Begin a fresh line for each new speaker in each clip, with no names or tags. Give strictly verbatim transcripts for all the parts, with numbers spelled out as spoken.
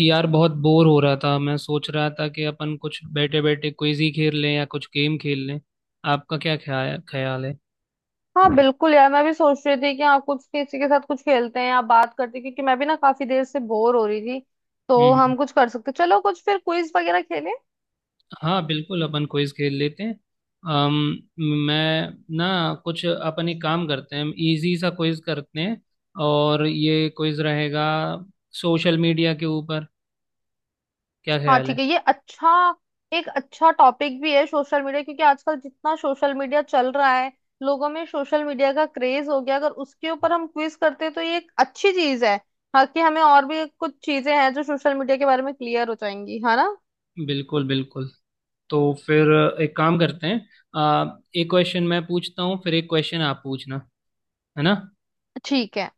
यार बहुत बोर हो रहा था। मैं सोच रहा था कि अपन कुछ बैठे बैठे क्विज ही खेल लें या कुछ गेम खेल लें। आपका क्या ख्याल ख्याल है।
हाँ बिल्कुल यार, मैं भी सोच रही थी कि हाँ कुछ किसी के साथ कुछ खेलते हैं या बात करते हैं, क्योंकि मैं भी ना काफी देर से बोर हो रही थी।
हम्म
तो
हम्म।
हम कुछ कर सकते, चलो कुछ फिर क्विज वगैरह खेलें।
हाँ बिल्कुल अपन क्विज खेल लेते हैं। अम, मैं ना कुछ, अपन एक काम करते हैं, इजी सा क्विज करते हैं। और ये क्विज रहेगा सोशल मीडिया के ऊपर। क्या
हाँ
ख्याल है।
ठीक है, ये अच्छा। एक अच्छा टॉपिक भी है सोशल मीडिया, क्योंकि आजकल जितना सोशल मीडिया चल रहा है, लोगों में सोशल मीडिया का क्रेज हो गया। अगर उसके ऊपर हम क्विज करते हैं तो ये एक अच्छी चीज है। हाँ कि हमें और भी कुछ चीजें हैं जो सोशल मीडिया के बारे में क्लियर हो जाएंगी, है ना।
बिल्कुल बिल्कुल। तो फिर एक काम करते हैं, आ, एक क्वेश्चन मैं पूछता हूँ, फिर एक क्वेश्चन आप पूछना, है ना।
ठीक है।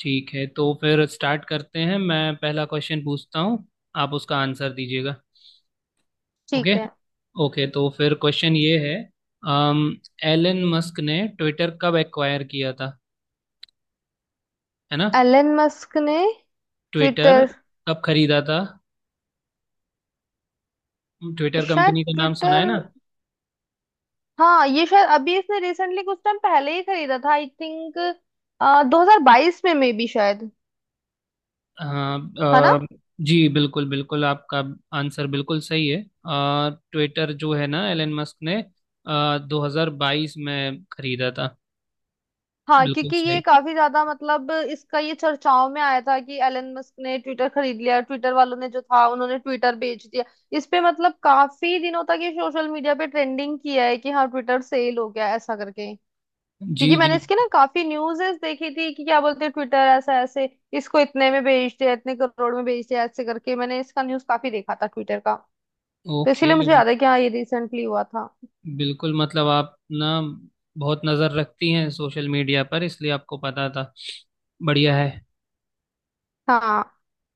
ठीक है, तो फिर स्टार्ट करते हैं, मैं पहला क्वेश्चन पूछता हूँ, आप उसका आंसर दीजिएगा। ओके,
ठीक है।
ओके तो फिर क्वेश्चन ये है। अम, एलन मस्क ने ट्विटर कब एक्वायर किया था, है ना।
एलन मस्क ने
ट्विटर
ट्विटर।
कब खरीदा था। ट्विटर
शायद
कंपनी का नाम सुना है
ट्विटर।
ना।
हाँ ये शायद अभी इसने रिसेंटली कुछ टाइम पहले ही खरीदा था, आई थिंक 2022 में, मे बी शायद,
हाँ।
है ना।
अ, जी बिल्कुल बिल्कुल, आपका आंसर बिल्कुल सही है। ट्विटर जो है ना, एलन मस्क ने आ, दो हज़ार बाईस में खरीदा था।
हाँ
बिल्कुल
क्योंकि ये
सही।
काफी ज्यादा मतलब इसका ये चर्चाओं में आया था कि एलन मस्क ने ट्विटर खरीद लिया, ट्विटर वालों ने जो था उन्होंने ट्विटर बेच दिया। इस पे मतलब काफी दिनों तक ये सोशल मीडिया पे ट्रेंडिंग किया है कि हाँ ट्विटर सेल हो गया, ऐसा करके।
जी
क्योंकि मैंने
जी।
इसके ना काफी न्यूज़ेस देखी थी कि क्या बोलते हैं ट्विटर ऐसा ऐसे, इसको इतने में बेच दिया, इतने करोड़ में बेच दिया, ऐसे करके मैंने इसका न्यूज़ काफी देखा था ट्विटर का। तो
ओके।
इसीलिए मुझे याद है कि हाँ ये रिसेंटली हुआ था।
बिल्कुल, मतलब आप ना बहुत नज़र रखती हैं सोशल मीडिया पर, इसलिए आपको पता था। बढ़िया है।
हाँ,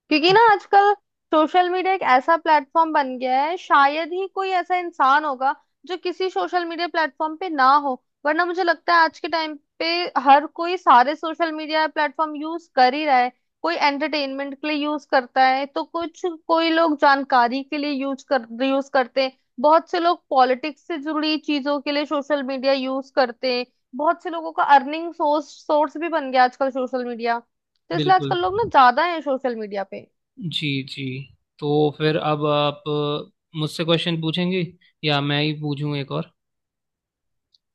क्योंकि ना आजकल सोशल मीडिया एक ऐसा प्लेटफॉर्म बन गया है, शायद ही कोई ऐसा इंसान होगा जो किसी सोशल मीडिया प्लेटफॉर्म पे ना हो। वरना मुझे लगता है आज के टाइम पे हर कोई सारे सोशल मीडिया प्लेटफॉर्म यूज कर ही रहा है। कोई एंटरटेनमेंट के लिए यूज करता है, तो कुछ कोई लोग जानकारी के लिए यूज कर यूज करते हैं। बहुत से लोग पॉलिटिक्स से जुड़ी चीजों के लिए सोशल मीडिया यूज करते हैं। बहुत से लोगों का अर्निंग सोर्स सोर्स भी बन गया आजकल सोशल मीडिया। तो इसलिए
बिल्कुल।
आजकल लोग ना ज्यादा है सोशल मीडिया पे।
जी जी। तो फिर अब आप अ, मुझसे क्वेश्चन पूछेंगे, या मैं ही पूछूं एक और।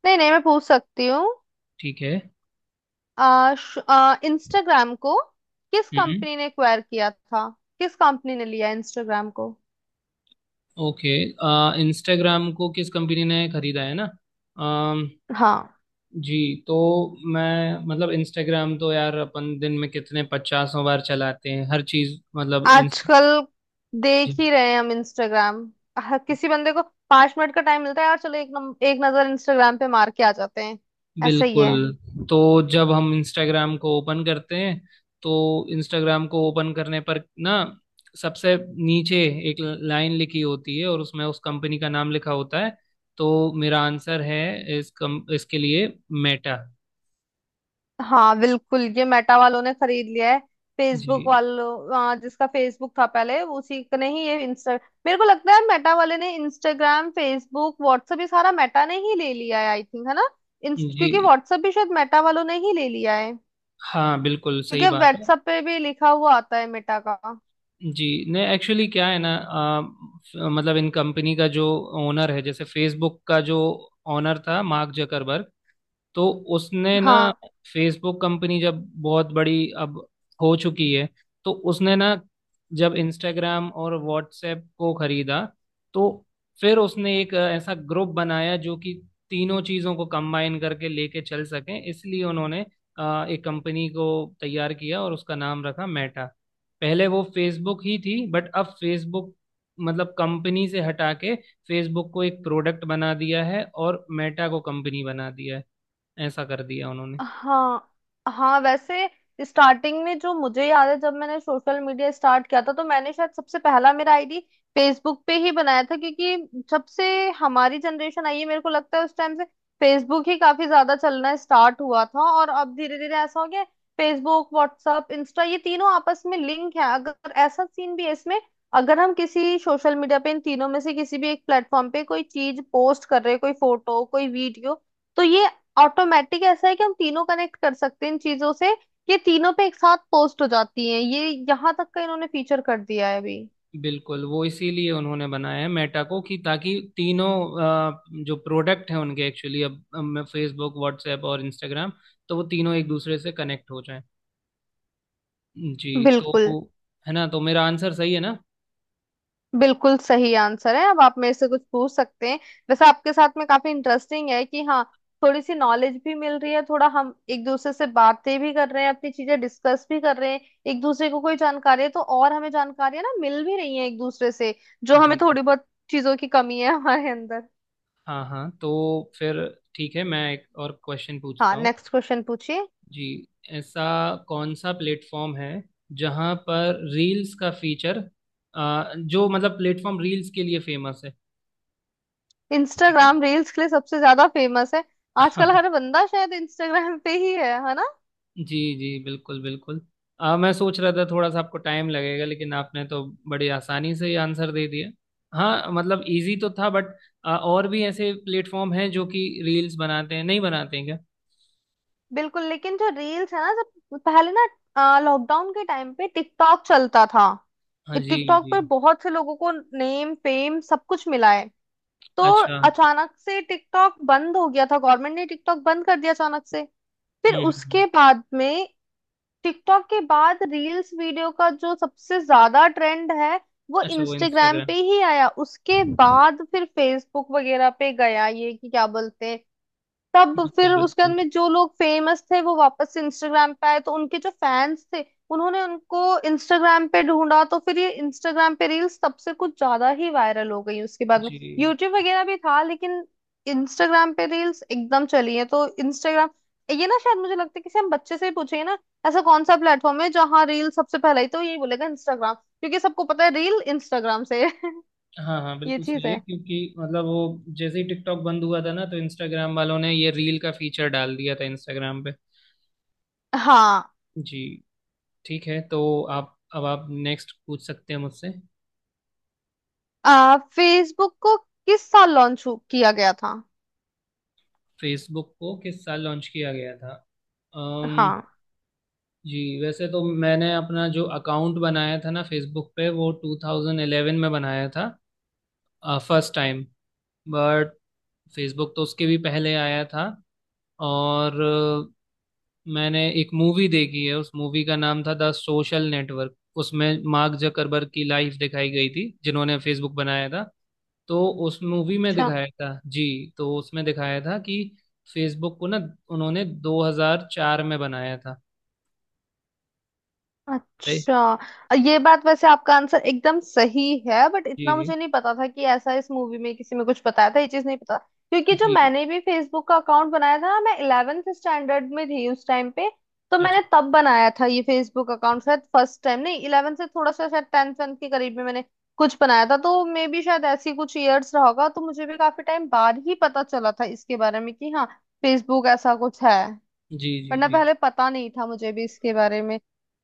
नहीं नहीं, मैं पूछ सकती हूँ।
ठीक है।
आ, श- आ, इंस्टाग्राम को किस
हम्म।
कंपनी ने एक्वायर किया था? किस कंपनी ने लिया इंस्टाग्राम को?
ओके, इंस्टाग्राम को किस कंपनी ने खरीदा, है ना। अम,
हाँ,
जी। तो मैं मतलब, इंस्टाग्राम तो यार अपन दिन में कितने पचासों बार चलाते हैं, हर चीज़ मतलब इन।
आजकल देख
जी।
ही रहे हैं हम इंस्टाग्राम। हर किसी बंदे को पांच मिनट का टाइम मिलता है, यार चलो एक नम, एक नजर इंस्टाग्राम पे मार के आ जाते हैं। ऐसा ही
बिल्कुल।
है।
तो जब हम इंस्टाग्राम को ओपन करते हैं, तो इंस्टाग्राम को ओपन करने पर ना, सबसे नीचे एक लाइन लिखी होती है और उसमें उस कंपनी का नाम लिखा होता है। तो मेरा आंसर है इस कम, इसके लिए, मेटा।
हाँ बिल्कुल, ये मेटा वालों ने खरीद लिया है।
जी
फेसबुक वालों आ, जिसका फेसबुक था पहले उसी का नहीं ये इंस्टा। मेरे को लगता है मेटा वाले ने इंस्टाग्राम, फेसबुक, व्हाट्सएप ये सारा मेटा ने ही ले लिया है, आई थिंक, है ना। इंस- क्योंकि
जी।
व्हाट्सएप भी शायद मेटा वालों ने ही ले लिया है।
हाँ बिल्कुल सही
क्योंकि
बात है।
व्हाट्सएप पे भी लिखा हुआ आता है मेटा का।
जी। नहीं एक्चुअली क्या है ना, आ, फ- मतलब इन कंपनी का जो ओनर है, जैसे फेसबुक का जो ओनर था मार्क जकरबर्ग, तो उसने ना,
हाँ।
फेसबुक कंपनी जब बहुत बड़ी अब हो चुकी है, तो उसने ना जब इंस्टाग्राम और व्हाट्सएप को खरीदा, तो फिर उसने एक ऐसा ग्रुप बनाया जो कि तीनों चीजों को कंबाइन करके लेके चल सकें, इसलिए उन्होंने अ, एक कंपनी को तैयार किया और उसका नाम रखा मेटा। पहले वो फेसबुक ही थी, बट अब फेसबुक मतलब कंपनी से हटा के फेसबुक को एक प्रोडक्ट बना दिया है और मेटा को कंपनी बना दिया है। ऐसा कर दिया उन्होंने।
हाँ। हाँ वैसे, स्टार्टिंग में जो मुझे याद है, जब मैंने सोशल मीडिया स्टार्ट किया था तो मैंने शायद सबसे पहला मेरा आईडी फेसबुक पे ही बनाया था, क्योंकि जब से हमारी जनरेशन आई है, मेरे को लगता है उस टाइम से फेसबुक ही काफी ज्यादा चलना स्टार्ट हुआ था। और अब धीरे धीरे ऐसा हो गया फेसबुक, व्हाट्सअप, इंस्टा ये तीनों आपस में लिंक है, अगर ऐसा सीन भी है इसमें। अगर हम किसी सोशल मीडिया पे इन तीनों में से किसी भी एक प्लेटफॉर्म पे कोई चीज पोस्ट कर रहे हैं, कोई फोटो कोई वीडियो, तो ये ऑटोमेटिक ऐसा है कि हम तीनों कनेक्ट कर सकते हैं इन चीजों से। ये तीनों पे एक साथ पोस्ट हो जाती हैं, ये यहाँ तक का इन्होंने फीचर कर दिया है अभी।
बिल्कुल, वो इसीलिए उन्होंने बनाया है मेटा को कि ताकि तीनों अ, जो प्रोडक्ट हैं उनके, एक्चुअली अब फेसबुक व्हाट्सएप और इंस्टाग्राम, तो वो तीनों एक दूसरे से कनेक्ट हो जाएं। जी। तो
बिल्कुल,
वो- है ना, तो मेरा आंसर सही है ना।
बिल्कुल सही आंसर है। अब आप मेरे से कुछ पूछ सकते हैं। वैसे आपके साथ में काफी इंटरेस्टिंग है कि हाँ, थोड़ी सी नॉलेज भी मिल रही है, थोड़ा हम एक दूसरे से बातें भी कर रहे हैं, अपनी चीजें डिस्कस भी कर रहे हैं। एक दूसरे को कोई जानकारी है तो और हमें जानकारियां ना मिल भी रही हैं एक दूसरे से, जो हमें
जी।
थोड़ी बहुत चीजों की कमी है हमारे अंदर।
हाँ हाँ, तो फिर ठीक है मैं एक और क्वेश्चन
हाँ,
पूछता हूँ।
नेक्स्ट क्वेश्चन पूछिए।
जी। ऐसा कौन सा प्लेटफॉर्म है जहाँ पर रील्स का फीचर, जो मतलब प्लेटफॉर्म रील्स के लिए फेमस है। ठीक है।
इंस्टाग्राम रील्स के लिए सबसे ज्यादा फेमस है। आजकल हर बंदा शायद इंस्टाग्राम पे ही है है ना।
जी जी बिल्कुल बिल्कुल। आ, मैं सोच रहा था थोड़ा सा आपको टाइम लगेगा, लेकिन आपने तो बड़ी आसानी से ही आंसर दे दिया। हाँ मतलब इजी तो था, बट आ, और भी ऐसे प्लेटफॉर्म हैं जो कि रील्स बनाते हैं, नहीं बनाते हैं क्या।
बिल्कुल, लेकिन जो रील्स है ना, जब पहले ना लॉकडाउन के टाइम पे टिकटॉक चलता था,
हाँ। जी
टिकटॉक
जी।
पर बहुत से लोगों को नेम फेम सब कुछ मिला है। तो
अच्छा।
अचानक से टिकटॉक बंद हो गया था, गवर्नमेंट ने टिकटॉक बंद कर दिया अचानक से। फिर
हम्म हम्म
उसके
हम्म।
बाद में टिकटॉक के बाद रील्स वीडियो का जो सबसे ज्यादा ट्रेंड है, वो
अच्छा, वो
इंस्टाग्राम पे
इंस्टाग्राम।
ही आया, उसके बाद फिर फेसबुक वगैरह पे गया, ये कि क्या बोलते हैं। तब फिर
बिल्कुल
उसके बाद
बिल्कुल।
में जो लोग फेमस थे वो वापस से इंस्टाग्राम पे आए, तो उनके जो फैंस थे उन्होंने उनको इंस्टाग्राम पे ढूंढा। तो फिर ये इंस्टाग्राम पे रील्स तब से कुछ ज्यादा ही वायरल हो गई उसके बाद में।
जी।
यूट्यूब वगैरह भी था, लेकिन इंस्टाग्राम पे रील्स एकदम चली है तो इंस्टाग्राम। ये ना शायद मुझे लगता है किसी हम बच्चे से ही पूछे ना, ऐसा कौन सा प्लेटफॉर्म है जहाँ रील सबसे पहले, ही तो यही बोलेगा इंस्टाग्राम, क्योंकि सबको पता है रील इंस्टाग्राम से है।
हाँ हाँ
ये
बिल्कुल
चीज
सही है,
है।
क्योंकि मतलब वो जैसे ही टिकटॉक बंद हुआ था ना, तो इंस्टाग्राम वालों ने ये रील का फीचर डाल दिया था इंस्टाग्राम पे।
हाँ।
जी। ठीक है, तो आप अब आप नेक्स्ट पूछ सकते हैं मुझसे।
आ, फेसबुक को किस साल लॉन्च किया गया था?
फेसबुक को किस साल लॉन्च किया गया था। अम्म।
हाँ।
जी। वैसे तो मैंने अपना जो अकाउंट बनाया था ना फेसबुक पे, वो ट्वेंटी इलेवन में बनाया था फर्स्ट टाइम। बट फेसबुक तो उसके भी पहले आया था। और अ, मैंने एक मूवी देखी है, उस मूवी का नाम था द सोशल नेटवर्क। उसमें मार्क जकरबर्ग की लाइफ दिखाई गई थी जिन्होंने फेसबुक बनाया था। तो उस मूवी में
अच्छा।
दिखाया था। जी। तो उसमें दिखाया था कि फेसबुक को ना उन्होंने दो हज़ार चार में बनाया था। राइट।
अच्छा। अ, ये बात, वैसे आपका आंसर एकदम सही है, बट इतना
जी
मुझे नहीं पता था कि ऐसा इस मूवी में किसी में कुछ बताया था, ये चीज नहीं पता। क्योंकि जो
जी जी।
मैंने भी फेसबुक का अकाउंट बनाया था मैं इलेवेंथ स्टैंडर्ड में थी उस टाइम पे। तो
अच्छा।
मैंने तब बनाया था ये फेसबुक अकाउंट, शायद फर्स्ट टाइम नहीं, इलेवेंथ से थोड़ा सा शायद टेंथ वेंथ के करीब में मैंने कुछ बनाया था। तो मे बी शायद ऐसी कुछ ईयर्स रहा होगा, तो मुझे भी काफी टाइम बाद ही पता चला था इसके बारे में कि हाँ फेसबुक ऐसा कुछ है।
जी जी
वरना
जी।
पहले पता नहीं था मुझे भी इसके बारे में।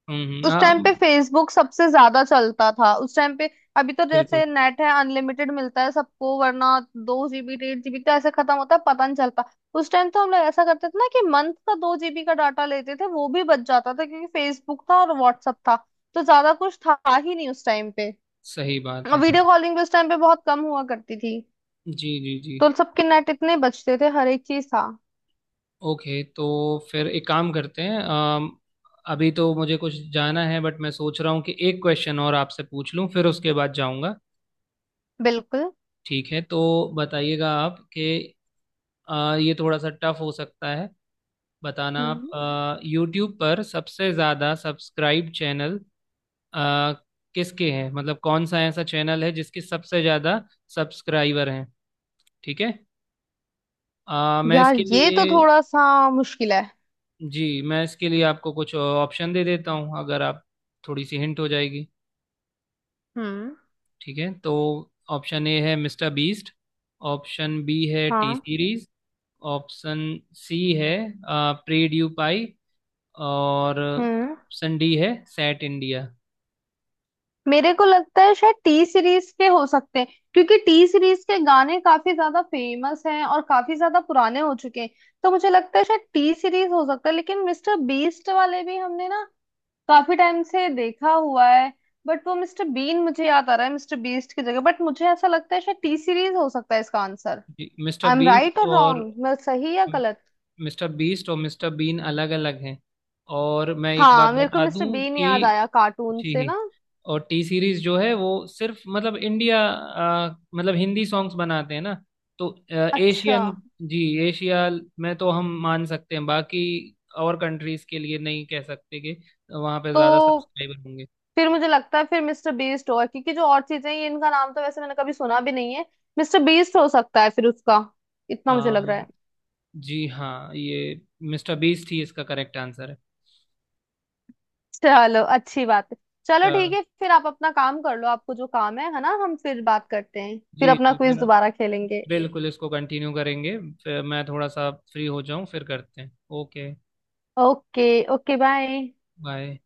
हम्म हम्म,
उस टाइम
हाँ।
पे फेसबुक सबसे ज्यादा चलता था उस टाइम पे। अभी तो
बिल्कुल
जैसे नेट है अनलिमिटेड मिलता है सबको, वरना दो जीबी डेढ़ जीबी तो ऐसे खत्म होता है पता नहीं चलता। उस टाइम तो हम लोग ऐसा करते थे ना कि मंथ का दो जीबी का डाटा लेते थे, वो भी बच जाता था, क्योंकि फेसबुक था और व्हाट्सअप था, तो ज्यादा कुछ था ही नहीं उस टाइम पे।
सही बात
और
है।
वीडियो कॉलिंग भी उस टाइम पे बहुत कम हुआ करती थी।
जी जी जी।
तो सबके नेट इतने बचते थे, हर एक चीज था।
ओके, तो फिर एक काम करते हैं। अम, अभी तो मुझे कुछ जाना है, बट मैं सोच रहा हूँ कि एक क्वेश्चन और आपसे पूछ लूँ, फिर उसके बाद जाऊँगा।
बिल्कुल।
ठीक है, तो बताइएगा आप कि अ, ये थोड़ा सा टफ हो सकता है। बताना
हम्म।
आप, यूट्यूब पर सबसे ज़्यादा सब्सक्राइब चैनल आ, किसके हैं, मतलब कौन सा ऐसा चैनल है जिसके सबसे ज़्यादा सब्सक्राइबर हैं। ठीक है। अ, मैं
यार
इसके
ये तो
लिए
थोड़ा सा मुश्किल है।
जी, मैं इसके लिए आपको कुछ ऑप्शन दे देता हूँ, अगर आप, थोड़ी सी हिंट हो जाएगी।
हम्म।
ठीक है, तो ऑप्शन ए है मिस्टर बीस्ट, ऑप्शन बी है टी
हाँ।
सीरीज, ऑप्शन सी है प्री ड्यू पाई, और
हम्म,
ऑप्शन डी है सैट इंडिया।
मेरे को लगता है शायद टी सीरीज के हो सकते हैं, क्योंकि टी सीरीज के गाने काफी ज्यादा फेमस हैं और काफी ज्यादा पुराने हो चुके हैं। तो मुझे लगता है शायद टी सीरीज हो सकता है, लेकिन मिस्टर बीस्ट वाले भी हमने ना काफी टाइम से देखा हुआ है। बट वो मिस्टर बीन मुझे याद आ रहा है मिस्टर बीस्ट की जगह, बट मुझे ऐसा लगता है शायद टी सीरीज हो सकता है इसका आंसर।
जी, Mister
I am right
Beast
और
और
रॉन्ग, मैं सही या गलत।
मिस्टर बीस्ट और मिस्टर बीन अलग अलग हैं। और मैं एक बात
हाँ मेरे को
बता
मिस्टर
दूं
बीन याद
कि,
आया कार्टून से
जी,
ना।
और टी सीरीज जो है वो सिर्फ मतलब इंडिया आ, मतलब हिंदी सॉन्ग्स बनाते हैं ना, तो
अच्छा।
एशियन, जी, एशिया में तो हम मान सकते हैं, बाकी और कंट्रीज के लिए नहीं कह सकते कि वहाँ पे ज़्यादा
तो
सब्सक्राइबर होंगे।
फिर मुझे लगता है फिर मिस्टर बीस्ट होगा, क्योंकि जो और चीजें हैं, ये इनका नाम तो वैसे मैंने कभी सुना भी नहीं है। मिस्टर बीस्ट हो सकता है फिर उसका, इतना मुझे लग
आ,
रहा है।
जी हाँ, ये मिस्टर बीस्ट ही इसका करेक्ट आंसर है।
चलो अच्छी बात है। चलो
अच्छा,
ठीक है, फिर आप अपना काम कर लो, आपको जो काम है है ना, हम फिर बात करते हैं, फिर
जी
अपना
जी, फिर
क्विज दोबारा खेलेंगे।
बिल्कुल इसको कंटिन्यू करेंगे, फिर मैं थोड़ा सा फ्री हो जाऊं फिर करते हैं। Okay.
Okay. Okay bye.
Bye.